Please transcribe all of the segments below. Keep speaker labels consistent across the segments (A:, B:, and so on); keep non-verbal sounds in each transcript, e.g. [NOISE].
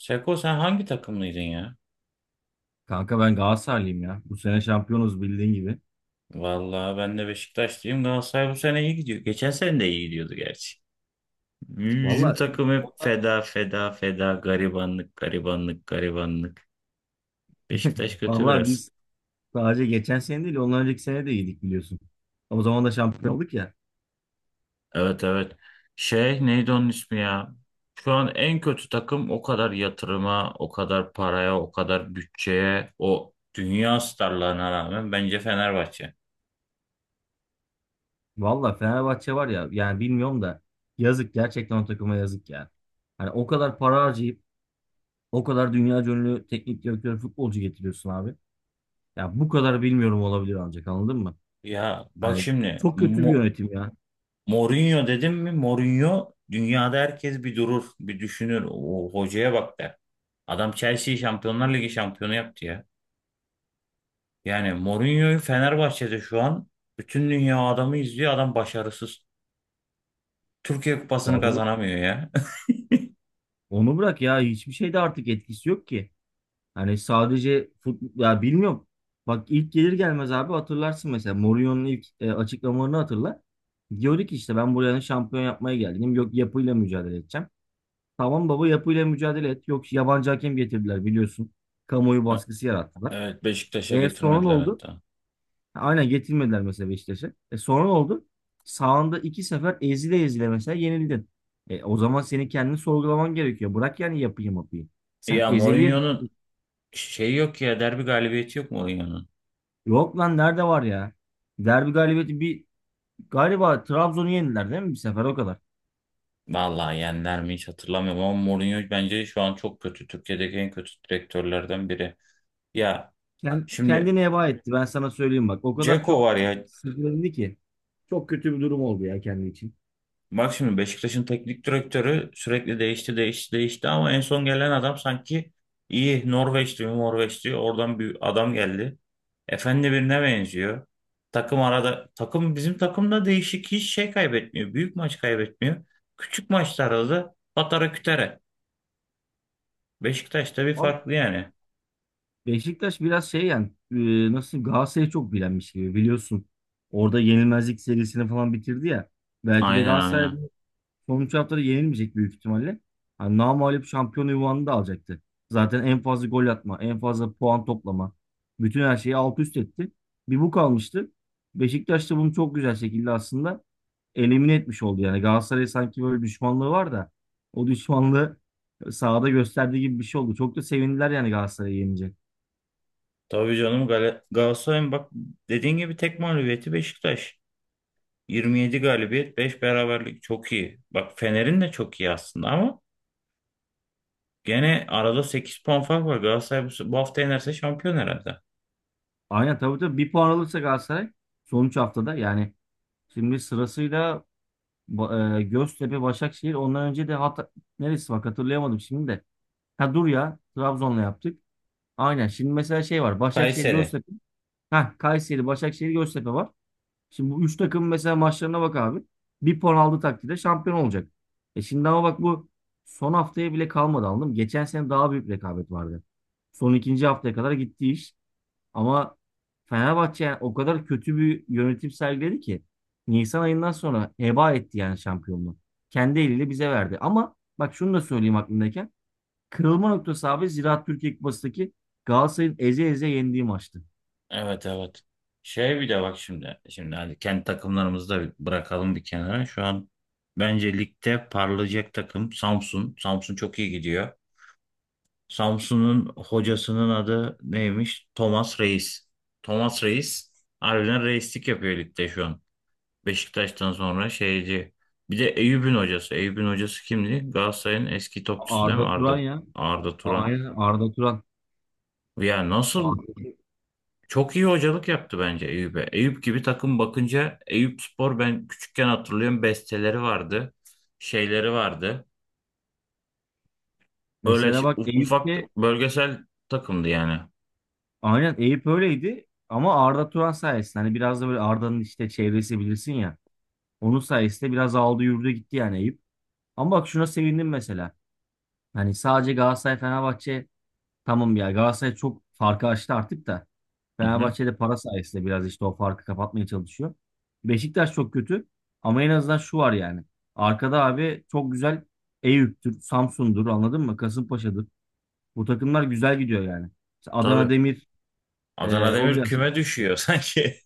A: Seko sen hangi takımlıydın ya?
B: Kanka ben Galatasaraylıyım ya. Bu sene şampiyonuz bildiğin gibi.
A: Vallahi ben de Beşiktaşlıyım. Galatasaray bu sene iyi gidiyor. Geçen sene de iyi gidiyordu gerçi. Bizim
B: Valla
A: takım hep feda feda feda garibanlık garibanlık garibanlık. Beşiktaş
B: [LAUGHS]
A: kötü
B: vallahi
A: biraz.
B: biz sadece geçen sene değil ondan önceki sene de iyiydik biliyorsun. O zaman da şampiyon olduk ya.
A: Evet, evet. Şey neydi onun ismi ya? Şu an en kötü takım, o kadar yatırıma, o kadar paraya, o kadar bütçeye, o dünya starlarına rağmen bence Fenerbahçe.
B: Valla Fenerbahçe var ya yani bilmiyorum da yazık gerçekten o takıma yazık ya. Hani o kadar para harcayıp o kadar dünya ünlü teknik direktör futbolcu getiriyorsun abi. Ya bu kadar bilmiyorum olabilir ancak anladın mı?
A: Ya bak
B: Hani
A: şimdi,
B: çok kötü bir yönetim ya.
A: Mourinho dedim mi? Mourinho, dünyada herkes bir durur, bir düşünür. O hocaya bak der. Adam Chelsea'yi Şampiyonlar Ligi şampiyonu yaptı ya. Yani Mourinho'yu Fenerbahçe'de şu an bütün dünya adamı izliyor. Adam başarısız. Türkiye Kupası'nı
B: Vallahi
A: kazanamıyor ya. [LAUGHS]
B: onu bırak ya hiçbir şeyde artık etkisi yok ki. Hani sadece fut ya bilmiyorum. Bak ilk gelir gelmez abi hatırlarsın mesela Mourinho'nun ilk açıklamalarını hatırla. Diyordu ki işte ben buranın şampiyon yapmaya geldim. Yok yapıyla mücadele edeceğim. Tamam baba yapıyla mücadele et. Yok yabancı hakem getirdiler biliyorsun. Kamuoyu baskısı yarattılar.
A: Evet, Beşiktaş'a
B: E sonra ne
A: getirmediler
B: oldu?
A: hatta.
B: Ha, aynen getirmediler mesela Beşiktaş'a. E sonra ne oldu? Sağında iki sefer ezile ezile mesela yenildin. E, o zaman senin kendini sorgulaman gerekiyor. Bırak yani yapayım yapayım. Sen
A: Ya
B: ezeli.
A: Mourinho'nun şeyi yok ya, derbi galibiyeti yok Mourinho'nun.
B: Yok lan nerede var ya? Derbi galibiyeti bir galiba Trabzon'u yendiler değil mi bir sefer o kadar.
A: Vallahi yendiler mi hiç hatırlamıyorum ama Mourinho bence şu an çok kötü. Türkiye'deki en kötü direktörlerden biri. Ya
B: Kend,
A: şimdi
B: kendini heba etti ben sana söyleyeyim bak. O kadar
A: Ceko
B: çok
A: var ya.
B: sızlandı ki. Çok kötü bir durum oldu ya kendi için.
A: Bak şimdi, Beşiktaş'ın teknik direktörü sürekli değişti değişti değişti ama en son gelen adam sanki iyi. Norveç diyor Norveç diyor, oradan bir adam geldi. Efendi birine benziyor. Takım arada takım bizim takımda değişik hiç şey kaybetmiyor. Büyük maç kaybetmiyor. Küçük maçlarda da patara kütere. Beşiktaş'ta bir
B: Ama
A: farklı yani.
B: Beşiktaş biraz şey yani nasıl Galatasaray'ı çok bilenmiş gibi biliyorsun. Orada yenilmezlik serisini falan bitirdi ya. Belki de
A: Aynen,
B: Galatasaray
A: aynen.
B: sonuç haftada yenilmeyecek büyük ihtimalle. Hani namağlup şampiyon ünvanını da alacaktı. Zaten en fazla gol atma, en fazla puan toplama. Bütün her şeyi alt üst etti. Bir bu kalmıştı. Beşiktaş da bunu çok güzel şekilde aslında elimine etmiş oldu. Yani Galatasaray'a sanki böyle düşmanlığı var da o düşmanlığı sahada gösterdiği gibi bir şey oldu. Çok da sevindiler yani Galatasaray'ı yenince.
A: Tabii canım, Galatasaray'ın bak, dediğin gibi tek mağlubiyeti Beşiktaş. 27 galibiyet, 5 beraberlik çok iyi. Bak Fener'in de çok iyi aslında ama gene arada 8 puan fark var. Galatasaray bu hafta yenerse şampiyon herhalde.
B: Aynen tabii tabii bir puan alırsa Galatasaray sonuç haftada yani şimdi sırasıyla Göztepe, Başakşehir. Ondan önce de hat neresi bak hatırlayamadım şimdi de. Ha dur ya. Trabzon'la yaptık. Aynen. Şimdi mesela şey var. Başakşehir,
A: Kayseri.
B: Göztepe. Ha Kayseri, Başakşehir, Göztepe var. Şimdi bu üç takım mesela maçlarına bak abi. Bir puan aldığı takdirde şampiyon olacak. E şimdi ama bak bu son haftaya bile kalmadı anladın mı? Geçen sene daha büyük rekabet vardı. Son ikinci haftaya kadar gitti iş. Ama Fenerbahçe yani o kadar kötü bir yönetim sergiledi ki Nisan ayından sonra heba etti yani şampiyonluğu. Kendi eliyle bize verdi. Ama bak şunu da söyleyeyim aklımdayken. Kırılma noktası abi Ziraat Türkiye Kupası'ndaki Galatasaray'ın eze eze yendiği maçtı.
A: Evet, evet. Şey bir de bak şimdi. Şimdi hadi kendi takımlarımızı da bir bırakalım bir kenara. Şu an bence ligde parlayacak takım Samsun. Samsun çok iyi gidiyor. Samsun'un hocasının adı neymiş? Thomas Reis. Thomas Reis harbiden reislik yapıyor ligde şu an. Beşiktaş'tan sonra şeyci. Bir de Eyüp'ün hocası. Eyüp'ün hocası kimdi? Galatasaray'ın eski topçusu değil mi?
B: Arda Turan
A: Arda,
B: ya.
A: Arda
B: A-
A: Turan.
B: Aynen Arda Turan.
A: Ya nasıl
B: Arda,
A: çok iyi hocalık yaptı bence Eyüp'e. Eyüp gibi takım bakınca Eyüp Spor, ben küçükken hatırlıyorum besteleri vardı. Şeyleri vardı.
B: mesela bak
A: Ufak
B: Eyüp'te
A: bölgesel takımdı yani.
B: aynen Eyüp öyleydi ama Arda Turan sayesinde hani biraz da böyle Arda'nın işte çevresi bilirsin ya. Onun sayesinde biraz aldı yürüdü gitti yani Eyüp. Ama bak şuna sevindim mesela. Hani sadece Galatasaray Fenerbahçe tamam ya Galatasaray çok farkı açtı artık da
A: Hı hı,
B: Fenerbahçe de para sayesinde biraz işte o farkı kapatmaya çalışıyor. Beşiktaş çok kötü ama en azından şu var yani. Arkada abi çok güzel Eyüp'tür, Samsun'dur anladın mı? Kasımpaşa'dır. Bu takımlar güzel gidiyor yani. İşte Adana
A: tabii.
B: Demir
A: Adana
B: o
A: Demir
B: biraz
A: küme düşüyor [LAUGHS] sanki.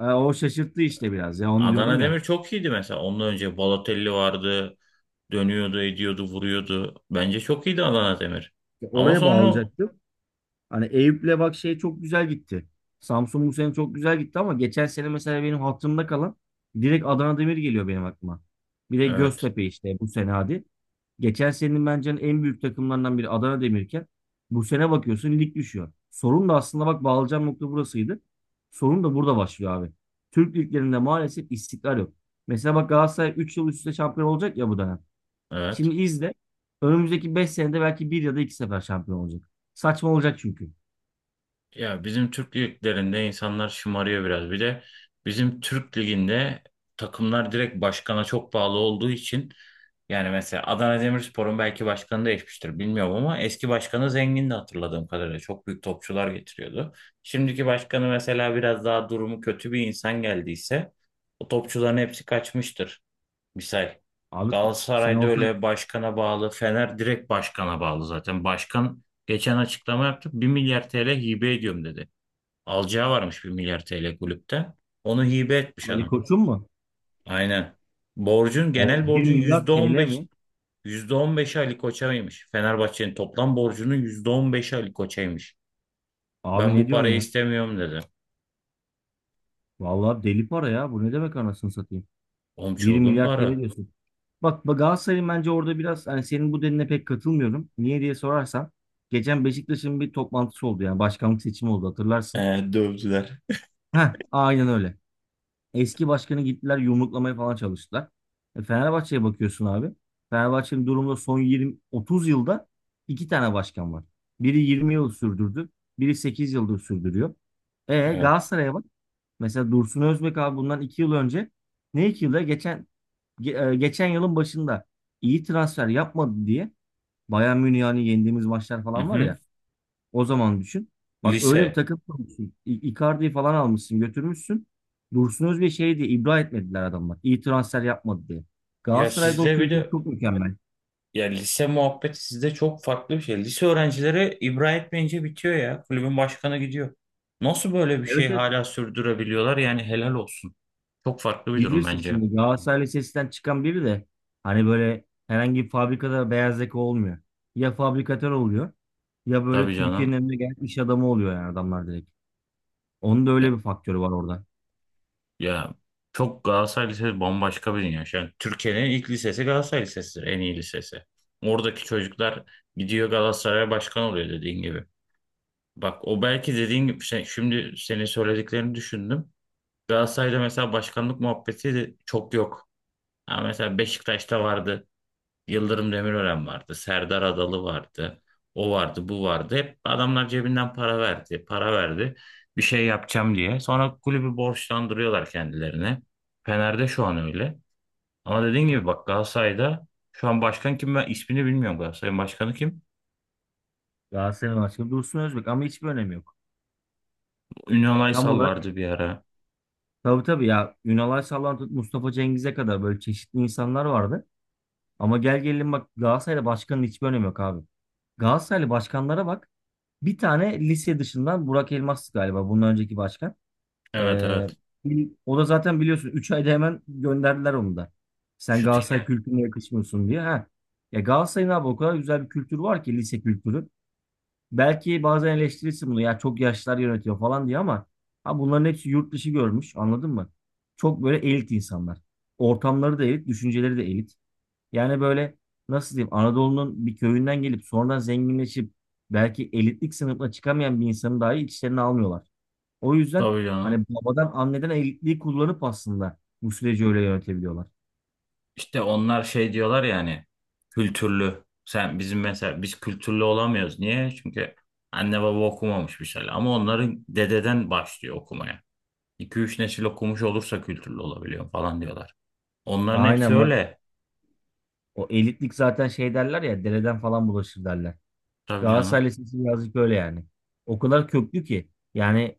B: o şaşırttı işte biraz ya onu
A: Adana
B: diyordum ya.
A: Demir çok iyiydi mesela. Ondan önce Balotelli vardı. Dönüyordu, ediyordu, vuruyordu. Bence çok iyiydi Adana Demir.
B: Ya
A: Ama
B: oraya
A: sonra,
B: bağlayacaktım. Hani Eyüp'le bak şey çok güzel gitti. Samsun bu sene çok güzel gitti ama geçen sene mesela benim hatırımda kalan direkt Adana Demir geliyor benim aklıma. Bir de
A: evet,
B: Göztepe işte bu sene hadi. Geçen senenin bence en büyük takımlarından biri Adana Demirken bu sene bakıyorsun lig düşüyor. Sorun da aslında bak bağlayacağım nokta burasıydı. Sorun da burada başlıyor abi. Türk liglerinde maalesef istikrar yok. Mesela bak Galatasaray 3 yıl üst üste şampiyon olacak ya bu dönem.
A: evet.
B: Şimdi izle. Önümüzdeki 5 senede belki bir ya da 2 sefer şampiyon olacak. Saçma olacak çünkü.
A: Ya bizim Türk liglerinde insanlar şımarıyor biraz. Bir de bizim Türk liginde takımlar direkt başkana çok bağlı olduğu için, yani mesela Adana Demirspor'un belki başkanı değişmiştir bilmiyorum ama eski başkanı zengindi hatırladığım kadarıyla. Çok büyük topçular getiriyordu. Şimdiki başkanı mesela biraz daha durumu kötü bir insan geldiyse, o topçuların hepsi kaçmıştır. Misal
B: Abi sen
A: Galatasaray'da
B: olsan
A: öyle başkana bağlı, Fener direkt başkana bağlı zaten. Başkan geçen açıklama yaptı. Bir milyar TL hibe ediyorum dedi. Alacağı varmış bir milyar TL kulüpten. Onu hibe etmiş
B: Ali
A: adam.
B: Koç'un mu?
A: Aynen. Borcun,
B: O
A: genel
B: bir
A: borcun, yüzde
B: milyar
A: yüzde on
B: TL
A: beş,
B: mi?
A: yüzde on, %15'i Ali Koç'aymış. Fenerbahçe'nin toplam borcunun %15'i Ali Koç'aymış.
B: Abi
A: Ben
B: ne
A: bu
B: diyorsun
A: parayı
B: ya?
A: istemiyorum dedi.
B: Vallahi deli para ya. Bu ne demek anasını satayım?
A: Oğlum
B: Bir
A: çılgın
B: milyar TL
A: para.
B: diyorsun. Bak Galatasaray'ın bence orada biraz hani senin bu dediğine pek katılmıyorum. Niye diye sorarsan geçen Beşiktaş'ın bir toplantısı oldu yani başkanlık seçimi oldu hatırlarsın.
A: Ee, dövdüler.
B: Heh, aynen öyle. Eski başkanı gittiler yumruklamaya falan çalıştılar. E, Fenerbahçe'ye bakıyorsun abi. Fenerbahçe'nin durumda son 20-30 yılda iki tane başkan var. Biri 20 yıl sürdürdü. Biri 8 yıldır sürdürüyor. E
A: Evet.
B: Galatasaray'a bak. Mesela Dursun Özbek abi bundan 2 yıl önce ne 2 yılda geçen geçen yılın başında iyi transfer yapmadı diye Bayern Münih'i hani yendiğimiz maçlar
A: Hı
B: falan var
A: hı.
B: ya o zaman düşün. Bak öyle bir
A: Lise.
B: takım kurmuşsun. Icardi'yi falan almışsın, götürmüşsün. Dursun Özbek'i şey diye ibra etmediler adamlar. İyi transfer yapmadı diye.
A: Ya
B: Galatasaray'da o
A: sizde bir
B: kültür
A: de
B: çok mükemmel.
A: Ya lise muhabbeti sizde çok farklı bir şey. Lise öğrencileri ibra etmeyince bitiyor ya. Kulübün başkanı gidiyor. Nasıl böyle bir şey
B: Evet evet.
A: hala sürdürebiliyorlar? Yani helal olsun. Çok farklı bir durum
B: Bilirsin
A: bence.
B: şimdi Galatasaray Lisesi'nden çıkan biri de hani böyle herhangi bir fabrikada beyaz yaka olmuyor. Ya fabrikatör oluyor ya böyle
A: Tabii
B: Türkiye'nin
A: canım.
B: önüne gelen iş adamı oluyor yani adamlar direkt. Onun da öyle
A: Ya,
B: bir faktörü var orada.
A: ya, çok Galatasaray Lisesi bambaşka bir dünya. Şu an Türkiye'nin ilk lisesi Galatasaray Lisesi'dir. En iyi lisesi. Oradaki çocuklar gidiyor Galatasaray'a başkan oluyor dediğin gibi. Bak o belki dediğin gibi şimdi senin söylediklerini düşündüm. Galatasaray'da mesela başkanlık muhabbeti de çok yok. Ha mesela Beşiktaş'ta vardı. Yıldırım Demirören vardı. Serdar Adalı vardı. O vardı, bu vardı. Hep adamlar cebinden para verdi, para verdi. Bir şey yapacağım diye. Sonra kulübü borçlandırıyorlar kendilerine. Fener'de şu an öyle. Ama dediğin gibi bak Galatasaray'da şu an başkan kim ben ismini bilmiyorum, Galatasaray'ın başkanı kim?
B: Galatasaray'ın başka Dursun Özbek ama hiçbir önemi yok.
A: Ünal
B: Tam
A: Aysal
B: olarak
A: vardı bir ara.
B: tabii tabii ya Ünal Aysal'dan tut Mustafa Cengiz'e kadar böyle çeşitli insanlar vardı. Ama gel gelelim bak Galatasaray'da başkanın hiçbir önemi yok abi. Galatasaraylı başkanlara bak. Bir tane lise dışından Burak Elmas'tı galiba bundan önceki başkan.
A: Evet,
B: Ee,
A: evet.
B: o da zaten biliyorsun 3 ayda hemen gönderdiler onu da. Sen Galatasaray
A: Şutingen.
B: kültürüne yakışmıyorsun diye. Ha. Ya Galatasaray'ın abi o kadar güzel bir kültür var ki lise kültürü. Belki bazen eleştirirsin bunu ya çok yaşlılar yönetiyor falan diye ama ha bunların hepsi yurt dışı görmüş anladın mı? Çok böyle elit insanlar. Ortamları da elit, düşünceleri de elit. Yani böyle nasıl diyeyim Anadolu'nun bir köyünden gelip sonradan zenginleşip belki elitlik sınıfına çıkamayan bir insanı dahi içlerine almıyorlar. O yüzden
A: Tabii
B: hani
A: canım.
B: babadan anneden elitliği kullanıp aslında bu süreci öyle yönetebiliyorlar.
A: İşte onlar şey diyorlar yani kültürlü. Sen bizim mesela biz kültürlü olamıyoruz. Niye? Çünkü anne baba okumamış bir şeyler. Ama onların dededen başlıyor okumaya. 2 üç nesil okumuş olursa kültürlü olabiliyor falan diyorlar. Onların hepsi
B: Aynen bak
A: öyle.
B: o elitlik zaten şey derler ya dereden falan bulaşır derler.
A: Tabii
B: Galatasaray
A: canım.
B: Lisesi birazcık öyle yani. O kadar köklü ki. Yani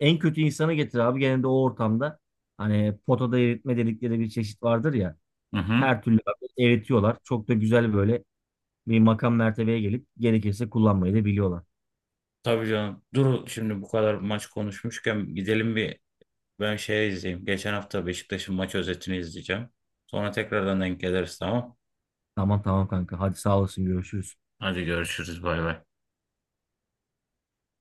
B: en kötü insanı getir abi. Genelde o ortamda hani potada eritme dedikleri bir çeşit vardır ya.
A: Hı hı.
B: Her türlü abi eritiyorlar. Çok da güzel böyle bir makam mertebeye gelip gerekirse kullanmayı da biliyorlar.
A: Tabii canım. Dur şimdi bu kadar maç konuşmuşken gidelim bir, ben şey izleyeyim. Geçen hafta Beşiktaş'ın maç özetini izleyeceğim. Sonra tekrardan denk geliriz, tamam.
B: Tamam tamam kanka. Hadi sağ olasın görüşürüz.
A: Hadi görüşürüz, bay bay.